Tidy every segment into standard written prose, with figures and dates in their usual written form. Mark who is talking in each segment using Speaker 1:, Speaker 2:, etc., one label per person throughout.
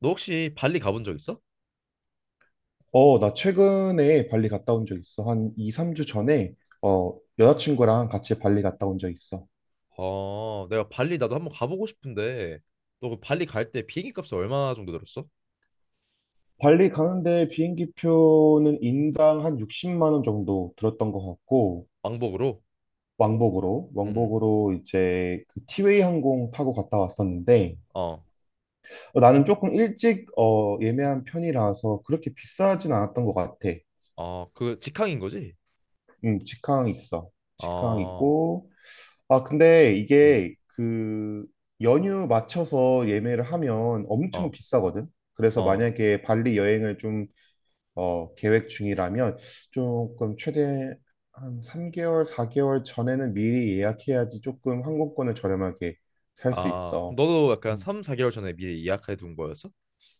Speaker 1: 너 혹시 발리 가본 적 있어?
Speaker 2: 나 최근에 발리 갔다 온 적 있어. 한 2, 3주 전에. 어, 여자친구랑 같이 발리 갔다 온 적 있어.
Speaker 1: 아, 내가 발리 나도 한번 가보고 싶은데 너 그 발리 갈 때 비행기 값이 얼마 정도 들었어?
Speaker 2: 발리 가는데 비행기 표는 인당 한 60만 원 정도 들었던 것 같고,
Speaker 1: 왕복으로?
Speaker 2: 왕복으로
Speaker 1: 응.
Speaker 2: 왕복으로 이제 그 티웨이 항공 타고 갔다 왔었는데,
Speaker 1: 어.
Speaker 2: 나는 조금 일찍 예매한 편이라서 그렇게 비싸진 않았던 것 같아.
Speaker 1: 어, 그 직항인 거지?
Speaker 2: 직항 있어. 직항
Speaker 1: 아,
Speaker 2: 있고, 아, 근데
Speaker 1: 음.
Speaker 2: 이게 그 연휴 맞춰서 예매를 하면 엄청
Speaker 1: 어.
Speaker 2: 비싸거든. 그래서
Speaker 1: 어.
Speaker 2: 만약에 발리 여행을 좀 계획 중이라면 조금 최대 한 3개월, 4개월 전에는 미리 예약해야지 조금 항공권을 저렴하게 살 수
Speaker 1: 아, 그럼
Speaker 2: 있어.
Speaker 1: 너도 약간
Speaker 2: 음.
Speaker 1: 3, 4개월 전에 미리 예약해 둔 거였어?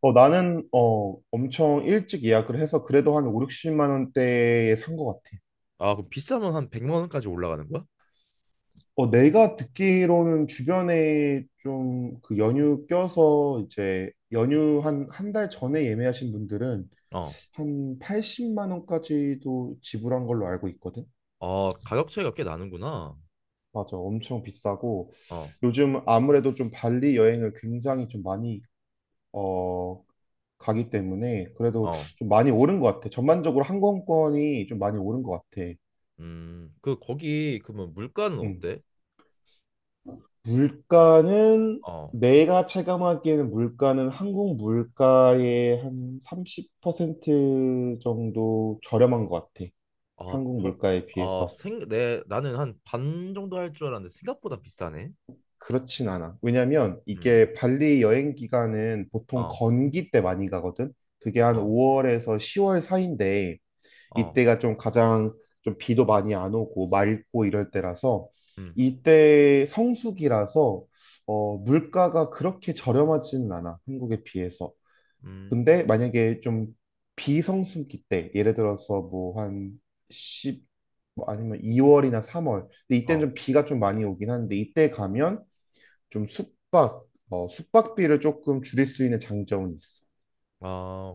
Speaker 2: 나는 엄청 일찍 예약을 해서 그래도 한 5, 60만 원대에 산 것 같아.
Speaker 1: 아, 그럼 비싸면 한 100만 원까지 올라가는 거야?
Speaker 2: 내가 듣기로는 주변에 좀 그 연휴 껴서 이제 연휴 한 한 달 전에 예매하신 분들은
Speaker 1: 어.
Speaker 2: 한 80만 원까지도 지불한 걸로 알고 있거든.
Speaker 1: 어, 가격 차이가 꽤 나는구나.
Speaker 2: 맞아, 엄청 비싸고,
Speaker 1: 어.
Speaker 2: 요즘 아무래도 좀 발리 여행을 굉장히 좀 많이 어 가기 때문에, 그래도
Speaker 1: 어.
Speaker 2: 좀 많이 오른 것 같아. 전반적으로 항공권이 좀 많이 오른 것 같아.
Speaker 1: 음. 그 거기 그러면 물가는
Speaker 2: 응.
Speaker 1: 어때?
Speaker 2: 물가는,
Speaker 1: 어.
Speaker 2: 내가 체감하기에는 물가는 한국 물가의 한 30% 정도 저렴한 것 같아.
Speaker 1: 아,
Speaker 2: 한국 물가에
Speaker 1: 아,
Speaker 2: 비해서.
Speaker 1: 나는 한 반 정도 할 줄 알았는데 생각보다 비싸네.
Speaker 2: 그렇진 않아. 왜냐면
Speaker 1: 음,
Speaker 2: 이게 발리 여행 기간은 보통
Speaker 1: 어,
Speaker 2: 건기 때 많이 가거든. 그게 한
Speaker 1: 어,
Speaker 2: 5월에서 10월 사이인데,
Speaker 1: 어,
Speaker 2: 이때가 좀 가장 좀 비도 많이 안 오고 맑고 이럴 때라서,
Speaker 1: 음,
Speaker 2: 이때 성수기라서 물가가 그렇게 저렴하지는 않아, 한국에 비해서.
Speaker 1: 음,
Speaker 2: 근데 만약에 좀 비성수기 때, 예를 들어서 뭐 한 10, 뭐 아니면 2월이나 3월. 근데 이때는
Speaker 1: 어,
Speaker 2: 좀 비가 좀 많이 오긴 하는데, 이때 가면 좀 숙박비를 조금 줄일 수 있는 장점은 있어.
Speaker 1: 아,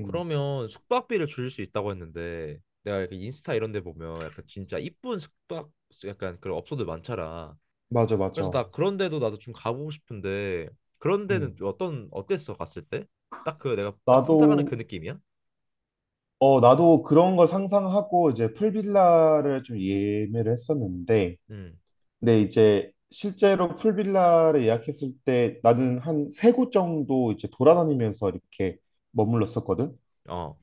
Speaker 2: 음,
Speaker 1: 그러면 숙박비를 줄일 수 있다고 했는데 내가 이렇게 인스타 이런 데 보면 약간 진짜 이쁜 숙박 약간 그런 업소들 많잖아.
Speaker 2: 맞아,
Speaker 1: 그래서
Speaker 2: 맞아.
Speaker 1: 나 그런 데도 나도 좀 가보고 싶은데 그런 데는
Speaker 2: 음,
Speaker 1: 좀 어떤 어땠어 갔을 때? 딱 그 내가 딱
Speaker 2: 나도
Speaker 1: 상상하는 그 느낌이야?
Speaker 2: 나도 그런 걸 상상하고 이제 풀빌라를 좀 예매를 했었는데,
Speaker 1: 음,
Speaker 2: 근데 이제 실제로 풀빌라를 예약했을 때 나는 한 세 곳 정도 이제 돌아다니면서 이렇게 머물렀었거든.
Speaker 1: 어,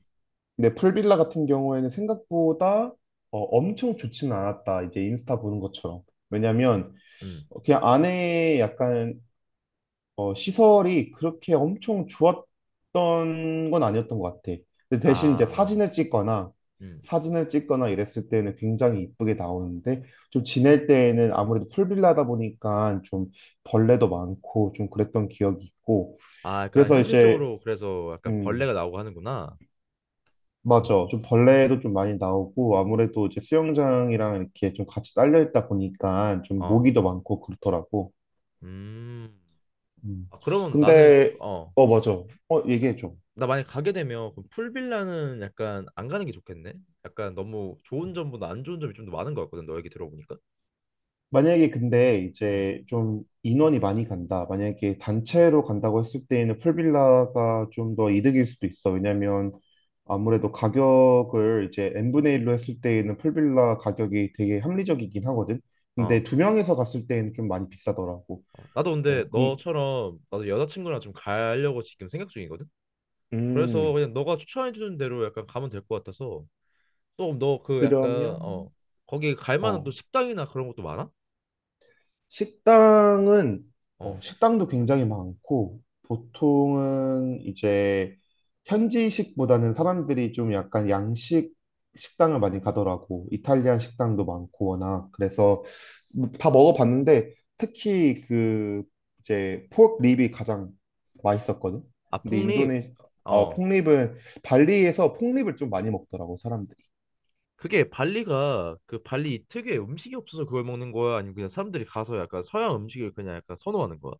Speaker 2: 근데 풀빌라 같은 경우에는 생각보다 엄청 좋지는 않았다, 이제 인스타 보는 것처럼. 왜냐면
Speaker 1: 음,
Speaker 2: 그냥 안에 약간 시설이 그렇게 엄청 좋았던 건 아니었던 것 같아. 근데 대신 이제
Speaker 1: 아, 음,
Speaker 2: 사진을 찍거나 이랬을 때는 굉장히 이쁘게 나오는데, 좀 지낼 때에는 아무래도 풀빌라다 보니까 좀 벌레도 많고 좀 그랬던 기억이 있고.
Speaker 1: 아, 약간
Speaker 2: 그래서 이제,
Speaker 1: 현실적으로 그래서 약간
Speaker 2: 음
Speaker 1: 벌레가 나오고 하는구나.
Speaker 2: 맞아, 좀 벌레도 좀 많이 나오고, 아무래도 이제 수영장이랑 이렇게 좀 같이 딸려 있다 보니까 좀
Speaker 1: 어.
Speaker 2: 모기도 많고 그렇더라고.
Speaker 1: 음.
Speaker 2: 음
Speaker 1: 아, 그러면 나는
Speaker 2: 근데,
Speaker 1: 어.
Speaker 2: 어, 맞아. 얘기해 줘.
Speaker 1: 나 만약 가게 되면 그럼 풀빌라는 약간 안 가는 게 좋겠네. 약간 너무 좋은 점보다 안 좋은 점이 좀 더 많은 것 같거든. 너 얘기 들어보니까.
Speaker 2: 만약에, 근데
Speaker 1: 음.
Speaker 2: 이제 좀 인원이 많이 간다, 만약에
Speaker 1: 음.
Speaker 2: 단체로 간다고 했을 때에는 풀빌라가 좀 더 이득일 수도 있어. 왜냐면 아무래도 가격을 이제 n분의 1로 했을 때에는 풀빌라 가격이 되게 합리적이긴 하거든. 근데
Speaker 1: 어.
Speaker 2: 두 명에서 갔을 때에는 좀 많이 비싸더라고.
Speaker 1: 어. 나도 근데
Speaker 2: 어, 근,
Speaker 1: 너처럼 나도 여자친구랑 좀 가려고 지금 생각 중이거든. 그래서
Speaker 2: 음,
Speaker 1: 그냥 너가 추천해 주는 대로 약간 가면 될 것 같아서 또 너 그 약간
Speaker 2: 그러면,
Speaker 1: 어 거기 갈 만한 또
Speaker 2: 어,
Speaker 1: 식당이나 그런 것도 많아?
Speaker 2: 식당은
Speaker 1: 어.
Speaker 2: 식당도 굉장히 많고, 보통은 이제 현지식보다는 사람들이 좀 약간 양식 식당을 많이 가더라고. 이탈리안 식당도 많고 워낙 그래서 뭐다 먹어봤는데, 특히 그 이제 포크 립이 가장 맛있었거든.
Speaker 1: 아,
Speaker 2: 근데
Speaker 1: 폭립. 어.
Speaker 2: 폭립은, 발리에서 폭립을 좀 많이 먹더라고 사람들이.
Speaker 1: 그게 발리가 그 발리 특유의 음식이 없어서 그걸 먹는 거야? 아니면 그냥 사람들이 가서 약간 서양 음식을 그냥 약간 선호하는 거야?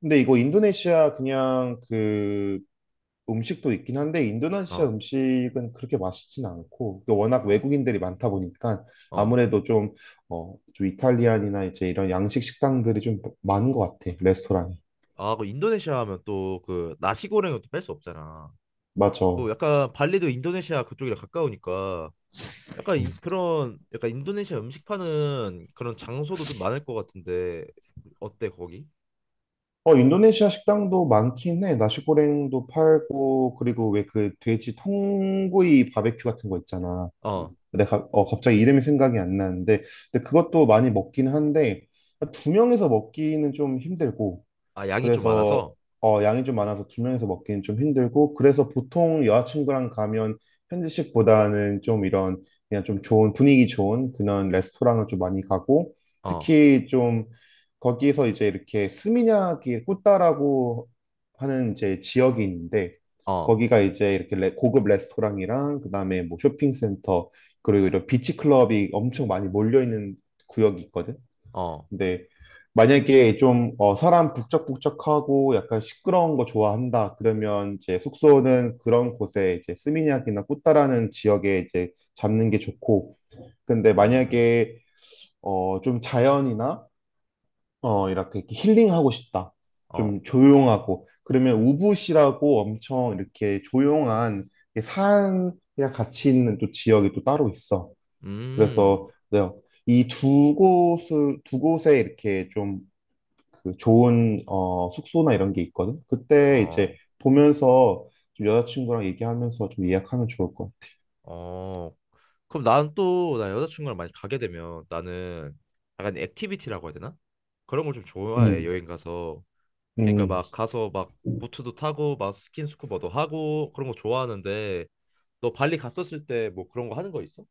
Speaker 2: 근데 이거 인도네시아 그냥 그 음식도 있긴 한데, 인도네시아
Speaker 1: 어,
Speaker 2: 음식은 그렇게 맛있진 않고, 그 워낙
Speaker 1: 어,
Speaker 2: 외국인들이 많다 보니까
Speaker 1: 어.
Speaker 2: 아무래도 좀 이탈리안이나 이제 이런 양식 식당들이 좀 많은 것 같아, 레스토랑이.
Speaker 1: 아, 그 인도네시아 하면 또 그 나시고랭을 또 뺄 수 없잖아.
Speaker 2: 맞아.
Speaker 1: 어, 약간 발리도 인도네시아 그쪽이랑 가까우니까 약간 그런 약간 인도네시아 음식 파는 그런 장소도 좀 많을 것 같은데 어때 거기?
Speaker 2: 인도네시아 식당도 많긴 해. 나시고랭도 팔고, 그리고 왜 그 돼지 통구이 바베큐 같은 거 있잖아.
Speaker 1: 어,
Speaker 2: 내가 갑자기 이름이 생각이 안 나는데, 근데 그것도 많이 먹긴 한데 두 명에서 먹기는 좀 힘들고.
Speaker 1: 아 양이 좀
Speaker 2: 그래서
Speaker 1: 많아서?
Speaker 2: 양이 좀 많아서 두 명이서 먹기는 좀 힘들고, 그래서 보통 여자친구랑 가면 현지식보다는 좀 이런, 그냥 좀 좋은 분위기 좋은 그런 레스토랑을 좀 많이 가고.
Speaker 1: 어,
Speaker 2: 특히 좀 거기서 이제 이렇게 스미냑이 꾸따라고 하는 이제 지역이 있는데,
Speaker 1: 어,
Speaker 2: 거기가 이제 이렇게 고급 레스토랑이랑 그다음에 뭐 쇼핑센터, 그리고 이런 비치 클럽이 엄청 많이 몰려 있는 구역이 있거든.
Speaker 1: 어,
Speaker 2: 근데 만약에 좀 사람 북적북적하고 약간 시끄러운 거 좋아한다 그러면, 이제 숙소는 그런 곳에, 이제 스미냑이나 꾸따라는 지역에 이제 잡는 게 좋고. 근데
Speaker 1: 음,
Speaker 2: 만약에 좀 자연이나 이렇게 힐링하고 싶다,
Speaker 1: 어,
Speaker 2: 좀 조용하고 그러면, 우붓이라고 엄청 이렇게 조용한 산이랑 같이 있는 또 지역이 또 따로 있어.
Speaker 1: 음,
Speaker 2: 그래서, 네, 이 두 곳을 두 곳에 이렇게 좀 그 좋은 숙소나 이런 게 있거든. 그때 이제
Speaker 1: 어.
Speaker 2: 보면서 좀 여자친구랑 얘기하면서 좀 예약하면 좋을 것 같아.
Speaker 1: 어, 그럼 나는 또, 나 여자친구랑 많이 가게 되면 나는 약간 액티비티라고 해야 되나? 그런 걸 좀 좋아해,
Speaker 2: 음,
Speaker 1: 여행 가서. 그러니까
Speaker 2: 음.
Speaker 1: 막 가서 막 보트도 타고 막 스킨스쿠버도 하고 그런 거 좋아하는데 너 발리 갔었을 때 뭐 그런 거 하는 거 있어?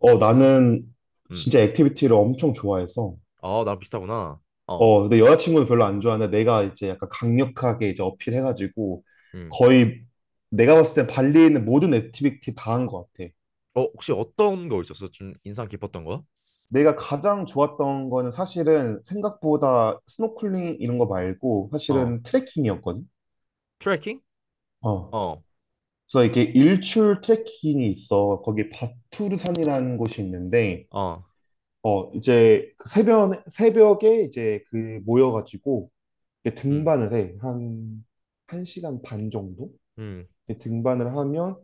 Speaker 2: 나는
Speaker 1: 응.
Speaker 2: 진짜 액티비티를 엄청 좋아해서.
Speaker 1: 아, 나랑 비슷하구나. 어,
Speaker 2: 근데 여자친구는 별로 안 좋아하는데 내가 이제 약간 강력하게 이제 어필해가지고,
Speaker 1: 응.
Speaker 2: 거의 내가 봤을 때 발리에 있는 모든 액티비티 다 한 것 같아.
Speaker 1: 어, 혹시 어떤 거 있었어? 좀 인상 깊었던 거?
Speaker 2: 내가 가장 좋았던 거는, 사실은 생각보다 스노클링 이런 거 말고
Speaker 1: 어,
Speaker 2: 사실은 트레킹이었거든.
Speaker 1: 트레킹?
Speaker 2: 어.
Speaker 1: 어,
Speaker 2: 그래서 이렇게 일출 트레킹이 있어. 거기 바투르산이라는 곳이 있는데,
Speaker 1: 어,
Speaker 2: 이제 그 새벽에 이제 그 모여가지고 이렇게
Speaker 1: 응,
Speaker 2: 등반을 해. 한 시간 반 정도?
Speaker 1: 응.
Speaker 2: 이렇게 등반을 하면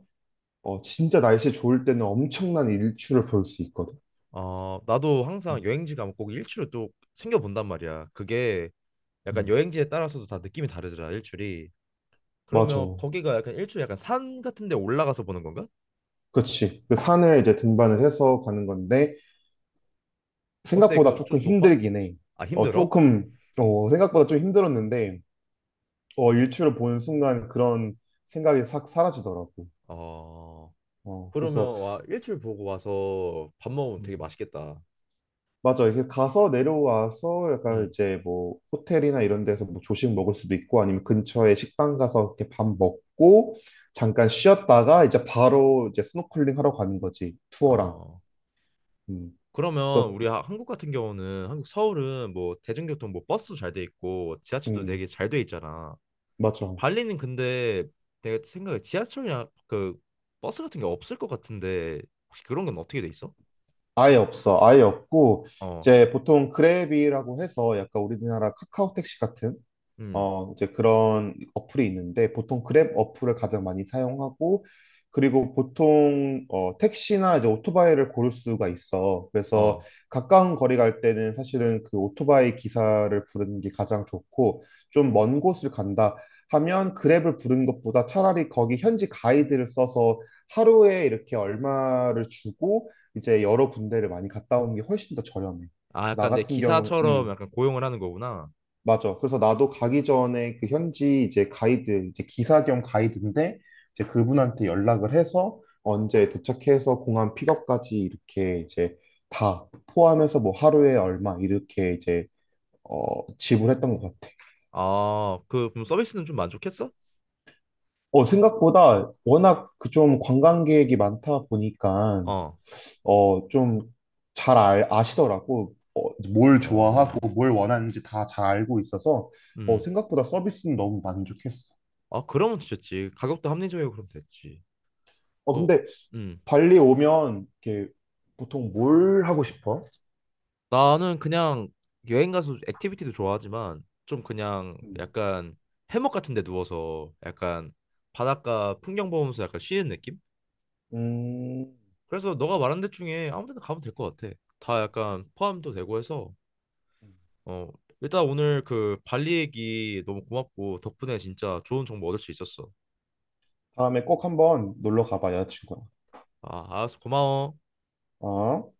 Speaker 2: 진짜 날씨 좋을 때는 엄청난 일출을 볼 수 있거든.
Speaker 1: 어, 나도
Speaker 2: 어,
Speaker 1: 항상 여행지 가면 꼭 일주를 또 챙겨본단 말이야. 그게 약간
Speaker 2: 음,
Speaker 1: 여행지에 따라서도 다 느낌이 다르더라 일출이
Speaker 2: 맞아.
Speaker 1: 그러면 거기가 약간 일출 약간 산 같은 데 올라가서 보는 건가?
Speaker 2: 그치. 그 산을 이제 등반을 해서 가는 건데,
Speaker 1: 어때
Speaker 2: 생각보다
Speaker 1: 그
Speaker 2: 조금
Speaker 1: 좀 높아?
Speaker 2: 힘들긴 해.
Speaker 1: 아
Speaker 2: 어,
Speaker 1: 힘들어?
Speaker 2: 조금, 생각보다 좀 힘들었는데, 일출을 보는 순간 그런 생각이 싹 사라지더라고.
Speaker 1: 어
Speaker 2: 그래서.
Speaker 1: 그러면 와 일출 보고 와서 밥 먹으면 되게
Speaker 2: 음,
Speaker 1: 맛있겠다
Speaker 2: 맞아. 이렇게 가서 내려와서 약간 이제 뭐 호텔이나 이런 데서 뭐 조식 먹을 수도 있고, 아니면 근처에 식당 가서 이렇게 밥 먹고, 잠깐 쉬었다가 이제 바로 이제 스노클링 하러 가는 거지. 투어랑.
Speaker 1: 음어
Speaker 2: 음,
Speaker 1: 그러면
Speaker 2: 그래서,
Speaker 1: 우리 한국 같은 경우는 한국 서울은 뭐 대중교통 뭐 버스도 잘 돼 있고 지하철도
Speaker 2: 음,
Speaker 1: 되게 잘 돼 있잖아
Speaker 2: 맞아.
Speaker 1: 발리는 근데 내가 생각에 지하철이나 그 버스 같은 게 없을 것 같은데 혹시 그런 건 어떻게 돼 있어?
Speaker 2: 아예 없어. 아예 없고,
Speaker 1: 어
Speaker 2: 이제 보통 그랩이라고 해서 약간 우리나라 카카오 택시 같은,
Speaker 1: 음.
Speaker 2: 이제 그런 어플이 있는데, 보통 그랩 어플을 가장 많이 사용하고, 그리고 보통 택시나 이제 오토바이를 고를 수가 있어. 그래서
Speaker 1: 어.
Speaker 2: 가까운 거리 갈 때는 사실은 그 오토바이 기사를 부르는 게 가장 좋고, 좀 먼 곳을 간다 하면 그랩을 부르는 것보다 차라리 거기 현지 가이드를 써서 하루에 이렇게 얼마를 주고 이제 여러 군데를 많이 갔다 오는 게 훨씬 더 저렴해.
Speaker 1: 아,
Speaker 2: 나
Speaker 1: 약간 내
Speaker 2: 같은
Speaker 1: 기사처럼
Speaker 2: 경우는,
Speaker 1: 약간 고용을 하는 거구나.
Speaker 2: 맞아. 그래서 나도 가기 전에 그 현지 이제 가이드, 이제 기사 겸 가이드인데, 이제 그분한테 연락을 해서 언제 도착해서 공항 픽업까지 이렇게 이제 다 포함해서 뭐 하루에 얼마 이렇게 이제 어, 지불했던 것 같아.
Speaker 1: 아, 그럼 서비스는 좀 만족했어?
Speaker 2: 생각보다 워낙 그 좀 관광객이 많다 보니까
Speaker 1: 어,
Speaker 2: 좀 잘 아시더라고. 뭘 좋아하고
Speaker 1: 어,
Speaker 2: 뭘 원하는지 다 잘 알고 있어서,
Speaker 1: 음.
Speaker 2: 생각보다 서비스는 너무 만족했어.
Speaker 1: 아, 그러면 됐지. 가격도 합리적이고 그럼 됐지. 어,
Speaker 2: 근데
Speaker 1: 음.
Speaker 2: 발리 오면 이렇게 보통 뭘 하고 싶어?
Speaker 1: 나는 그냥 여행 가서 액티비티도 좋아하지만 좀 그냥
Speaker 2: 음.
Speaker 1: 약간 해먹 같은 데 누워서 약간 바닷가 풍경 보면서 약간 쉬는 느낌?
Speaker 2: 음,
Speaker 1: 그래서 너가 말한 데 중에 아무 데나 가면 될 것 같아. 다 약간 포함도 되고 해서 어, 일단 오늘 그 발리 얘기 너무 고맙고 덕분에 진짜 좋은 정보 얻을 수 있었어.
Speaker 2: 다음에 꼭 한번 놀러 가봐, 여자친구랑.
Speaker 1: 아, 알았어. 고마워.
Speaker 2: 어?